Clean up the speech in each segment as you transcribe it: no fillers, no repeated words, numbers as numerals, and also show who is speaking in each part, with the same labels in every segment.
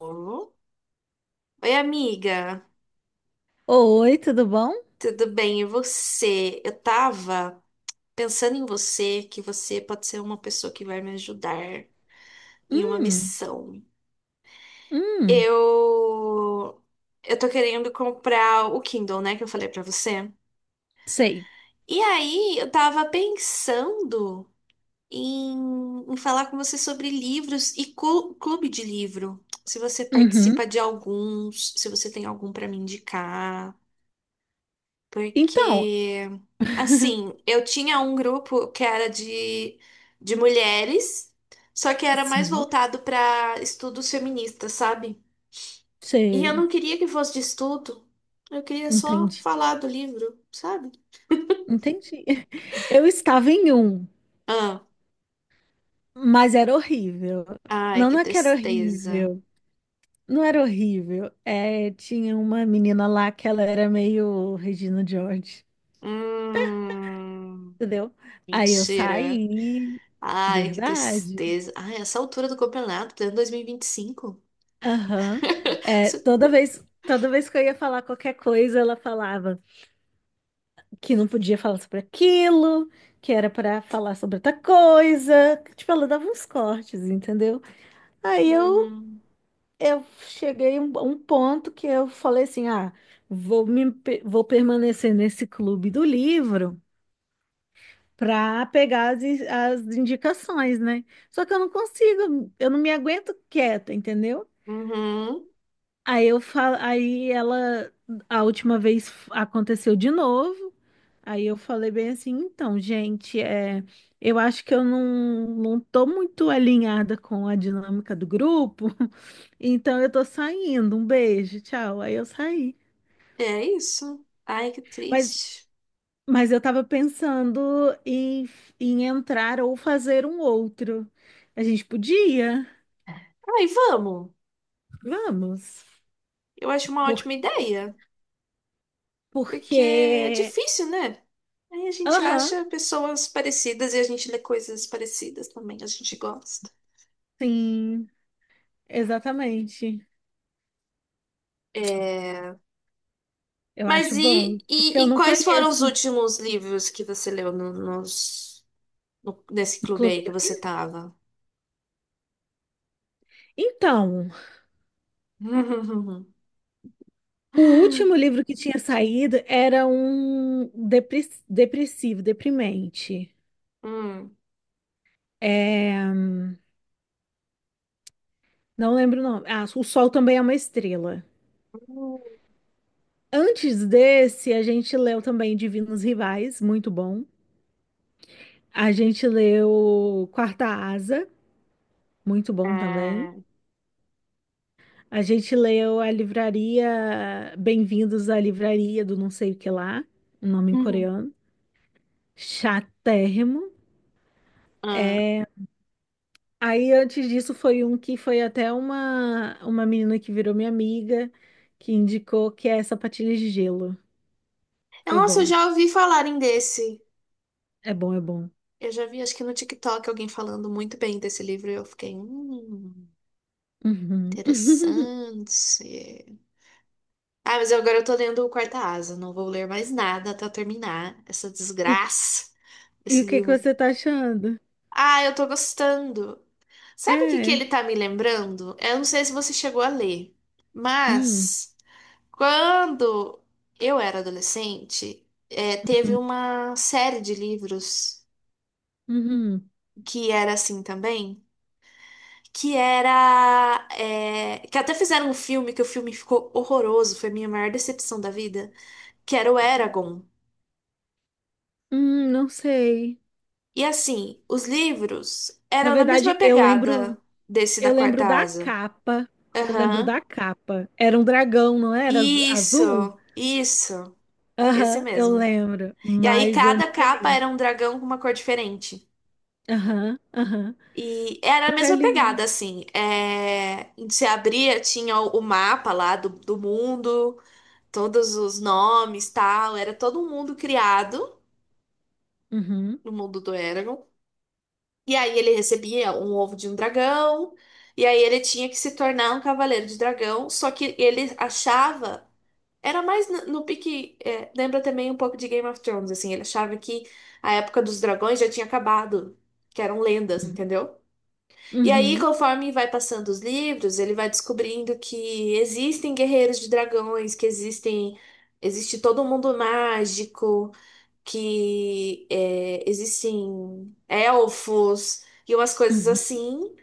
Speaker 1: Alô? Oi, amiga,
Speaker 2: Oi, tudo bom?
Speaker 1: tudo bem? E você? Eu tava pensando em você, que você pode ser uma pessoa que vai me ajudar em uma
Speaker 2: Hum,
Speaker 1: missão.
Speaker 2: hum,
Speaker 1: Eu eu tô querendo comprar o Kindle, né, que eu falei pra você.
Speaker 2: Sei.
Speaker 1: E aí, eu tava pensando em, em falar com você sobre livros e clube de livro. Se você
Speaker 2: Uhum.
Speaker 1: participa de alguns, se você tem algum pra me indicar.
Speaker 2: Então,
Speaker 1: Porque, assim, eu tinha um grupo que era de mulheres, só que era mais
Speaker 2: sim,
Speaker 1: voltado para estudos feministas, sabe? E eu
Speaker 2: sei.
Speaker 1: não queria que fosse de estudo, eu queria só
Speaker 2: Entendi,
Speaker 1: falar do livro, sabe?
Speaker 2: entendi. Eu estava em
Speaker 1: Ah,
Speaker 2: mas era horrível.
Speaker 1: ai,
Speaker 2: Não,
Speaker 1: que
Speaker 2: não é que era
Speaker 1: tristeza.
Speaker 2: horrível. Não era horrível. É, tinha uma menina lá que ela era meio Regina George,
Speaker 1: Hum,
Speaker 2: entendeu? Aí eu
Speaker 1: mentira.
Speaker 2: saí.
Speaker 1: Ai, que
Speaker 2: Verdade.
Speaker 1: tristeza. Ai, essa altura do campeonato, pleno 2025.
Speaker 2: Aham. É,
Speaker 1: Isso.
Speaker 2: toda vez que eu ia falar qualquer coisa, ela falava. Que não podia falar sobre aquilo, que era para falar sobre outra coisa. Tipo, ela dava uns cortes, entendeu? Aí eu,
Speaker 1: Hum,
Speaker 2: eu cheguei a um ponto que eu falei assim: ah, vou permanecer nesse clube do livro. Para pegar as indicações, né? Só que eu não consigo, eu não me aguento quieta, entendeu?
Speaker 1: uhum.
Speaker 2: Aí eu falo, aí ela, a última vez aconteceu de novo. Aí eu falei bem assim, então, gente, eu acho que eu não tô muito alinhada com a dinâmica do grupo, então eu tô saindo, um beijo, tchau. Aí eu saí.
Speaker 1: É isso. Ai, que
Speaker 2: Mas,
Speaker 1: triste.
Speaker 2: mas eu tava pensando em, em entrar ou fazer um outro. A gente podia?
Speaker 1: Ai, vamos.
Speaker 2: Vamos.
Speaker 1: Eu acho uma
Speaker 2: Por,
Speaker 1: ótima ideia, porque é
Speaker 2: porque,
Speaker 1: difícil, né? Aí a gente
Speaker 2: aham,
Speaker 1: acha pessoas parecidas e a gente lê coisas parecidas também, a gente gosta.
Speaker 2: sim, exatamente.
Speaker 1: É...
Speaker 2: Eu acho
Speaker 1: Mas e,
Speaker 2: bom, porque
Speaker 1: e,
Speaker 2: eu
Speaker 1: e
Speaker 2: não
Speaker 1: quais foram os
Speaker 2: conheço
Speaker 1: últimos livros que você leu no, nos, no- nesse
Speaker 2: o
Speaker 1: clube
Speaker 2: Clube
Speaker 1: aí que
Speaker 2: do
Speaker 1: você
Speaker 2: Livro.
Speaker 1: tava?
Speaker 2: Então. O último livro que tinha saído era um depressivo, deprimente.
Speaker 1: Hum.
Speaker 2: É, não lembro o nome. Ah, O Sol Também é uma Estrela. Antes desse, a gente leu também Divinos Rivais, muito bom. A gente leu Quarta Asa, muito bom também.
Speaker 1: Ah.
Speaker 2: A gente leu a livraria Bem-vindos à Livraria do não sei o que lá, um nome em
Speaker 1: Hum, hum.
Speaker 2: coreano. Chatérrimo.
Speaker 1: Ah.
Speaker 2: É, Aí antes disso foi um que foi até uma menina que virou minha amiga, que indicou que é sapatilhas de gelo. Foi
Speaker 1: Nossa, eu
Speaker 2: bom.
Speaker 1: já ouvi falarem desse.
Speaker 2: É bom, é bom.
Speaker 1: Eu já vi, acho que no TikTok, alguém falando muito bem desse livro e eu fiquei,
Speaker 2: Uhum.
Speaker 1: interessante. Ah, mas agora eu tô lendo o Quarta Asa, não vou ler mais nada até eu terminar essa
Speaker 2: E,
Speaker 1: desgraça
Speaker 2: e o
Speaker 1: desse
Speaker 2: que que
Speaker 1: livro.
Speaker 2: você tá achando?
Speaker 1: Ah, eu tô gostando. Sabe o que que
Speaker 2: É.
Speaker 1: ele tá me lembrando? Eu não sei se você chegou a ler,
Speaker 2: Hum.
Speaker 1: mas quando eu era adolescente, teve
Speaker 2: Uhum.
Speaker 1: uma série de livros
Speaker 2: Uhum.
Speaker 1: que era assim também. Que era, é, que até fizeram um filme que o filme ficou horroroso, foi a minha maior decepção da vida, que era o
Speaker 2: Hum,
Speaker 1: Eragon.
Speaker 2: Não sei.
Speaker 1: E assim, os livros
Speaker 2: Na
Speaker 1: eram na mesma
Speaker 2: verdade, eu lembro,
Speaker 1: pegada desse da
Speaker 2: eu
Speaker 1: Quarta
Speaker 2: lembro da
Speaker 1: Asa.
Speaker 2: capa. Eu lembro
Speaker 1: Aham.
Speaker 2: da capa. Era um dragão, não era? Azul?
Speaker 1: Isso, isso, esse
Speaker 2: Aham, eu
Speaker 1: mesmo.
Speaker 2: lembro,
Speaker 1: E aí
Speaker 2: mas eu
Speaker 1: cada
Speaker 2: nunca
Speaker 1: capa
Speaker 2: li.
Speaker 1: era um dragão com uma cor diferente.
Speaker 2: Aham, aham.
Speaker 1: E era a
Speaker 2: Nunca
Speaker 1: mesma
Speaker 2: li.
Speaker 1: pegada, assim. É... Se abria, tinha o mapa lá do mundo. Todos os nomes, tal, era todo um mundo criado
Speaker 2: Uhum,
Speaker 1: no mundo do Eragon. E aí ele recebia um ovo de um dragão, e aí ele tinha que se tornar um cavaleiro de dragão, só que ele achava, era mais no pique, é, lembra também um pouco de Game of Thrones, assim, ele achava que a época dos dragões já tinha acabado. Que eram lendas, entendeu? E aí,
Speaker 2: uhum,
Speaker 1: conforme vai passando os livros, ele vai descobrindo que existem guerreiros de dragões, que existe todo um mundo mágico, que é, existem elfos e umas coisas
Speaker 2: uhum,
Speaker 1: assim.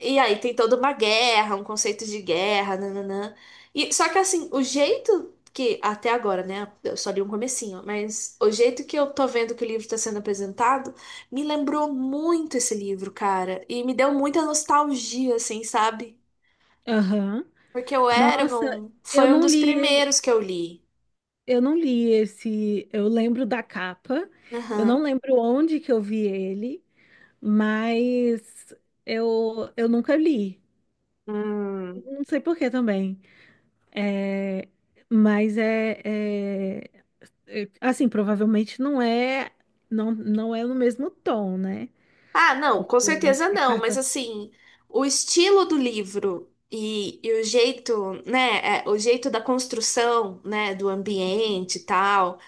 Speaker 1: E aí tem toda uma guerra, um conceito de guerra, nananã. E, só que assim, o jeito que, até agora, né? Eu só li um comecinho, mas o jeito que eu tô vendo que o livro tá sendo apresentado me lembrou muito esse livro, cara. E me deu muita nostalgia, assim, sabe?
Speaker 2: aham.
Speaker 1: Porque o
Speaker 2: Nossa,
Speaker 1: Eragon
Speaker 2: eu
Speaker 1: foi um
Speaker 2: não
Speaker 1: dos
Speaker 2: li,
Speaker 1: primeiros que eu li.
Speaker 2: eu não li esse, eu lembro da capa, eu não
Speaker 1: Aham.
Speaker 2: lembro onde que eu vi ele, mas eu nunca li. Não sei por que também. É, mas assim, provavelmente não é no mesmo tom, né?
Speaker 1: Ah, não,
Speaker 2: Porque
Speaker 1: com
Speaker 2: eu acho
Speaker 1: certeza
Speaker 2: que
Speaker 1: não, mas
Speaker 2: carta.
Speaker 1: assim, o estilo do livro e o jeito, né, é, o jeito da construção, né, do ambiente e tal,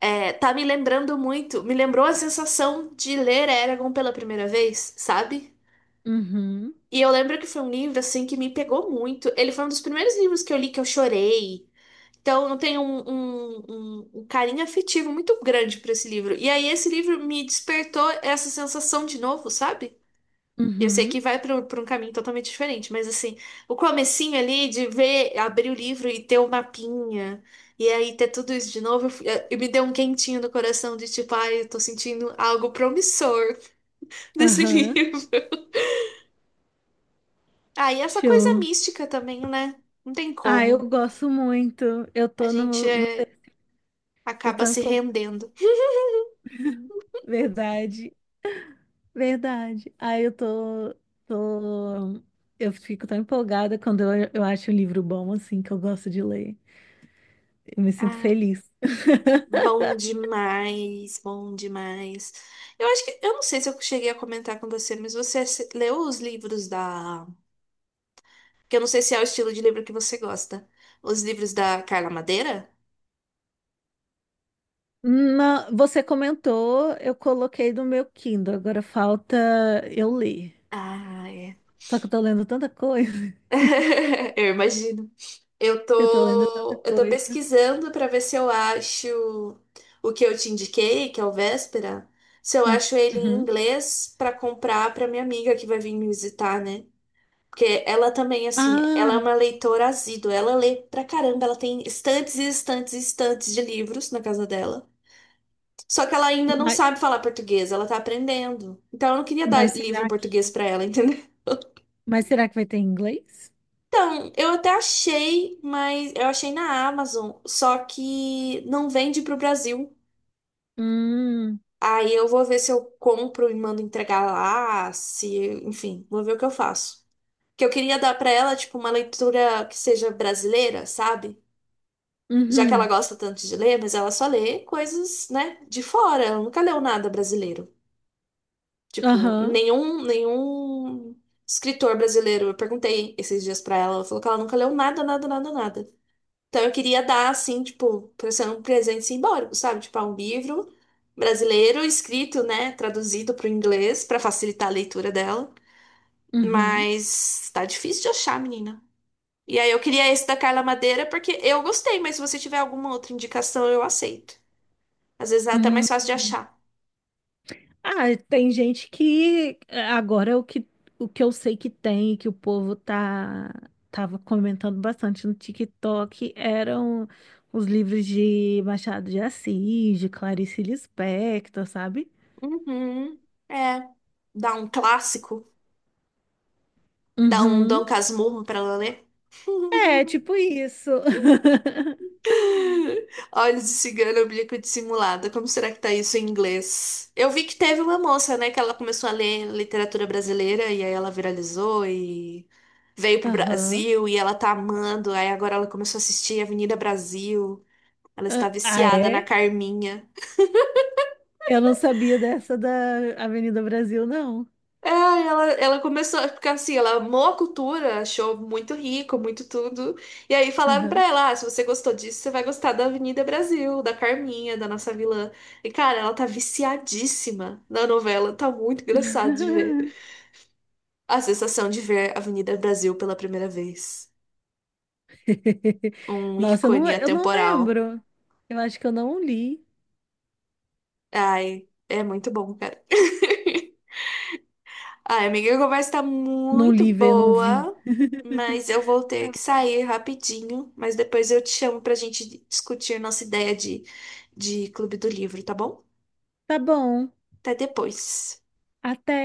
Speaker 1: é, tá me lembrando muito, me lembrou a sensação de ler Eragon pela primeira vez, sabe?
Speaker 2: Uhum,
Speaker 1: E eu lembro que foi um livro, assim, que me pegou muito. Ele foi um dos primeiros livros que eu li que eu chorei. Então, eu tenho um carinho afetivo muito grande por esse livro. E aí, esse livro me despertou essa sensação de novo, sabe? Eu sei
Speaker 2: uhum,
Speaker 1: que vai para um caminho totalmente diferente, mas assim, o comecinho ali de ver, abrir o livro e ter o mapinha, e aí ter tudo isso de novo, eu me deu um quentinho no coração de tipo, ai, eu tô sentindo algo promissor desse
Speaker 2: aham,
Speaker 1: livro. Ah, e essa coisa
Speaker 2: show.
Speaker 1: mística também, né? Não tem
Speaker 2: Ah,
Speaker 1: como.
Speaker 2: eu gosto muito. Eu
Speaker 1: A
Speaker 2: tô
Speaker 1: gente
Speaker 2: no, no Eu
Speaker 1: acaba
Speaker 2: tô um
Speaker 1: se
Speaker 2: pouco.
Speaker 1: rendendo.
Speaker 2: Verdade, verdade. Ah, eu tô. Eu fico tão empolgada quando eu acho um livro bom, assim, que eu gosto de ler. Eu me sinto
Speaker 1: Ai,
Speaker 2: feliz.
Speaker 1: bom demais, bom demais. Eu acho que, eu não sei se eu cheguei a comentar com você, mas você se- leu os livros da… Que eu não sei se é o estilo de livro que você gosta. Os livros da Carla Madeira?
Speaker 2: Você comentou, eu coloquei no meu Kindle, agora falta eu ler.
Speaker 1: Ah, é.
Speaker 2: Só que eu tô lendo tanta coisa.
Speaker 1: Eu imagino.
Speaker 2: Eu tô lendo tanta
Speaker 1: Eu tô
Speaker 2: coisa.
Speaker 1: pesquisando pra ver se eu acho o que eu te indiquei, que é o Véspera, se eu
Speaker 2: Hum,
Speaker 1: acho ele em
Speaker 2: uhum.
Speaker 1: inglês pra comprar pra minha amiga que vai vir me visitar, né? Porque ela também, assim, ela é
Speaker 2: Ah,
Speaker 1: uma leitora assídua, ela lê pra caramba, ela tem estantes e estantes e estantes de livros na casa dela. Só que ela ainda não
Speaker 2: mas,
Speaker 1: sabe falar português, ela tá aprendendo. Então eu não queria
Speaker 2: mas
Speaker 1: dar livro em
Speaker 2: será
Speaker 1: português
Speaker 2: que,
Speaker 1: pra ela, entendeu?
Speaker 2: mas será que vai ter em inglês?
Speaker 1: Então, eu até achei, mas eu achei na Amazon, só que não vende pro Brasil.
Speaker 2: Hum.
Speaker 1: Aí eu vou ver se eu compro e mando entregar lá, se, enfim, vou ver o que eu faço. Que eu queria dar pra ela tipo uma leitura que seja brasileira, sabe? Já que ela
Speaker 2: Uhum.
Speaker 1: gosta tanto de ler, mas ela só lê coisas, né, de fora, ela nunca leu nada brasileiro. Tipo,
Speaker 2: Aham.
Speaker 1: nenhum escritor brasileiro. Eu perguntei esses dias pra ela, ela falou que ela nunca leu nada, nada, nada, nada. Então eu queria dar, assim, tipo, pra ser um presente simbólico, sabe? Tipo, ah, um livro brasileiro escrito, né, traduzido pro inglês pra facilitar a leitura dela.
Speaker 2: Uhum.
Speaker 1: Mas tá difícil de achar, menina. E aí eu queria esse da Carla Madeira porque eu gostei, mas se você tiver alguma outra indicação, eu aceito. Às vezes é até
Speaker 2: Hum.
Speaker 1: mais fácil de achar.
Speaker 2: Ah, tem gente que agora é o que eu sei que tem, que o povo tava comentando bastante no TikTok, eram os livros de Machado de Assis, de Clarice Lispector, sabe?
Speaker 1: Uhum. É, dá um clássico. Dá um Dom
Speaker 2: Uhum.
Speaker 1: Casmurro pra ela, né?
Speaker 2: É, tipo isso.
Speaker 1: Olhos de cigano, oblíqua dissimulada. Como será que tá isso em inglês? Eu vi que teve uma moça, né, que ela começou a ler literatura brasileira e aí ela viralizou e veio pro
Speaker 2: Aham.
Speaker 1: Brasil e ela tá amando. Aí agora ela começou a assistir Avenida Brasil. Ela está
Speaker 2: Ah, ah,
Speaker 1: viciada na
Speaker 2: é?
Speaker 1: Carminha.
Speaker 2: Eu não sabia dessa da Avenida Brasil, não.
Speaker 1: É, ela começou, é porque assim, ela amou a cultura, achou muito rico, muito tudo. E aí falaram pra
Speaker 2: Aham.
Speaker 1: ela, ah, se você gostou disso, você vai gostar da Avenida Brasil, da Carminha, da nossa vilã. E cara, ela tá viciadíssima na novela, tá muito engraçado de ver. A sensação de ver Avenida Brasil pela primeira vez. Um
Speaker 2: Nossa, eu não,
Speaker 1: ícone
Speaker 2: eu não
Speaker 1: atemporal.
Speaker 2: lembro. Eu acho que eu não li.
Speaker 1: Ai, é muito bom, cara. Ai, amiga, a conversa tá
Speaker 2: Não
Speaker 1: muito
Speaker 2: li, não vi.
Speaker 1: boa, mas eu vou ter que sair rapidinho. Mas depois eu te chamo pra gente discutir nossa ideia de Clube do Livro, tá bom?
Speaker 2: Tá bom.
Speaker 1: Até depois.
Speaker 2: Até.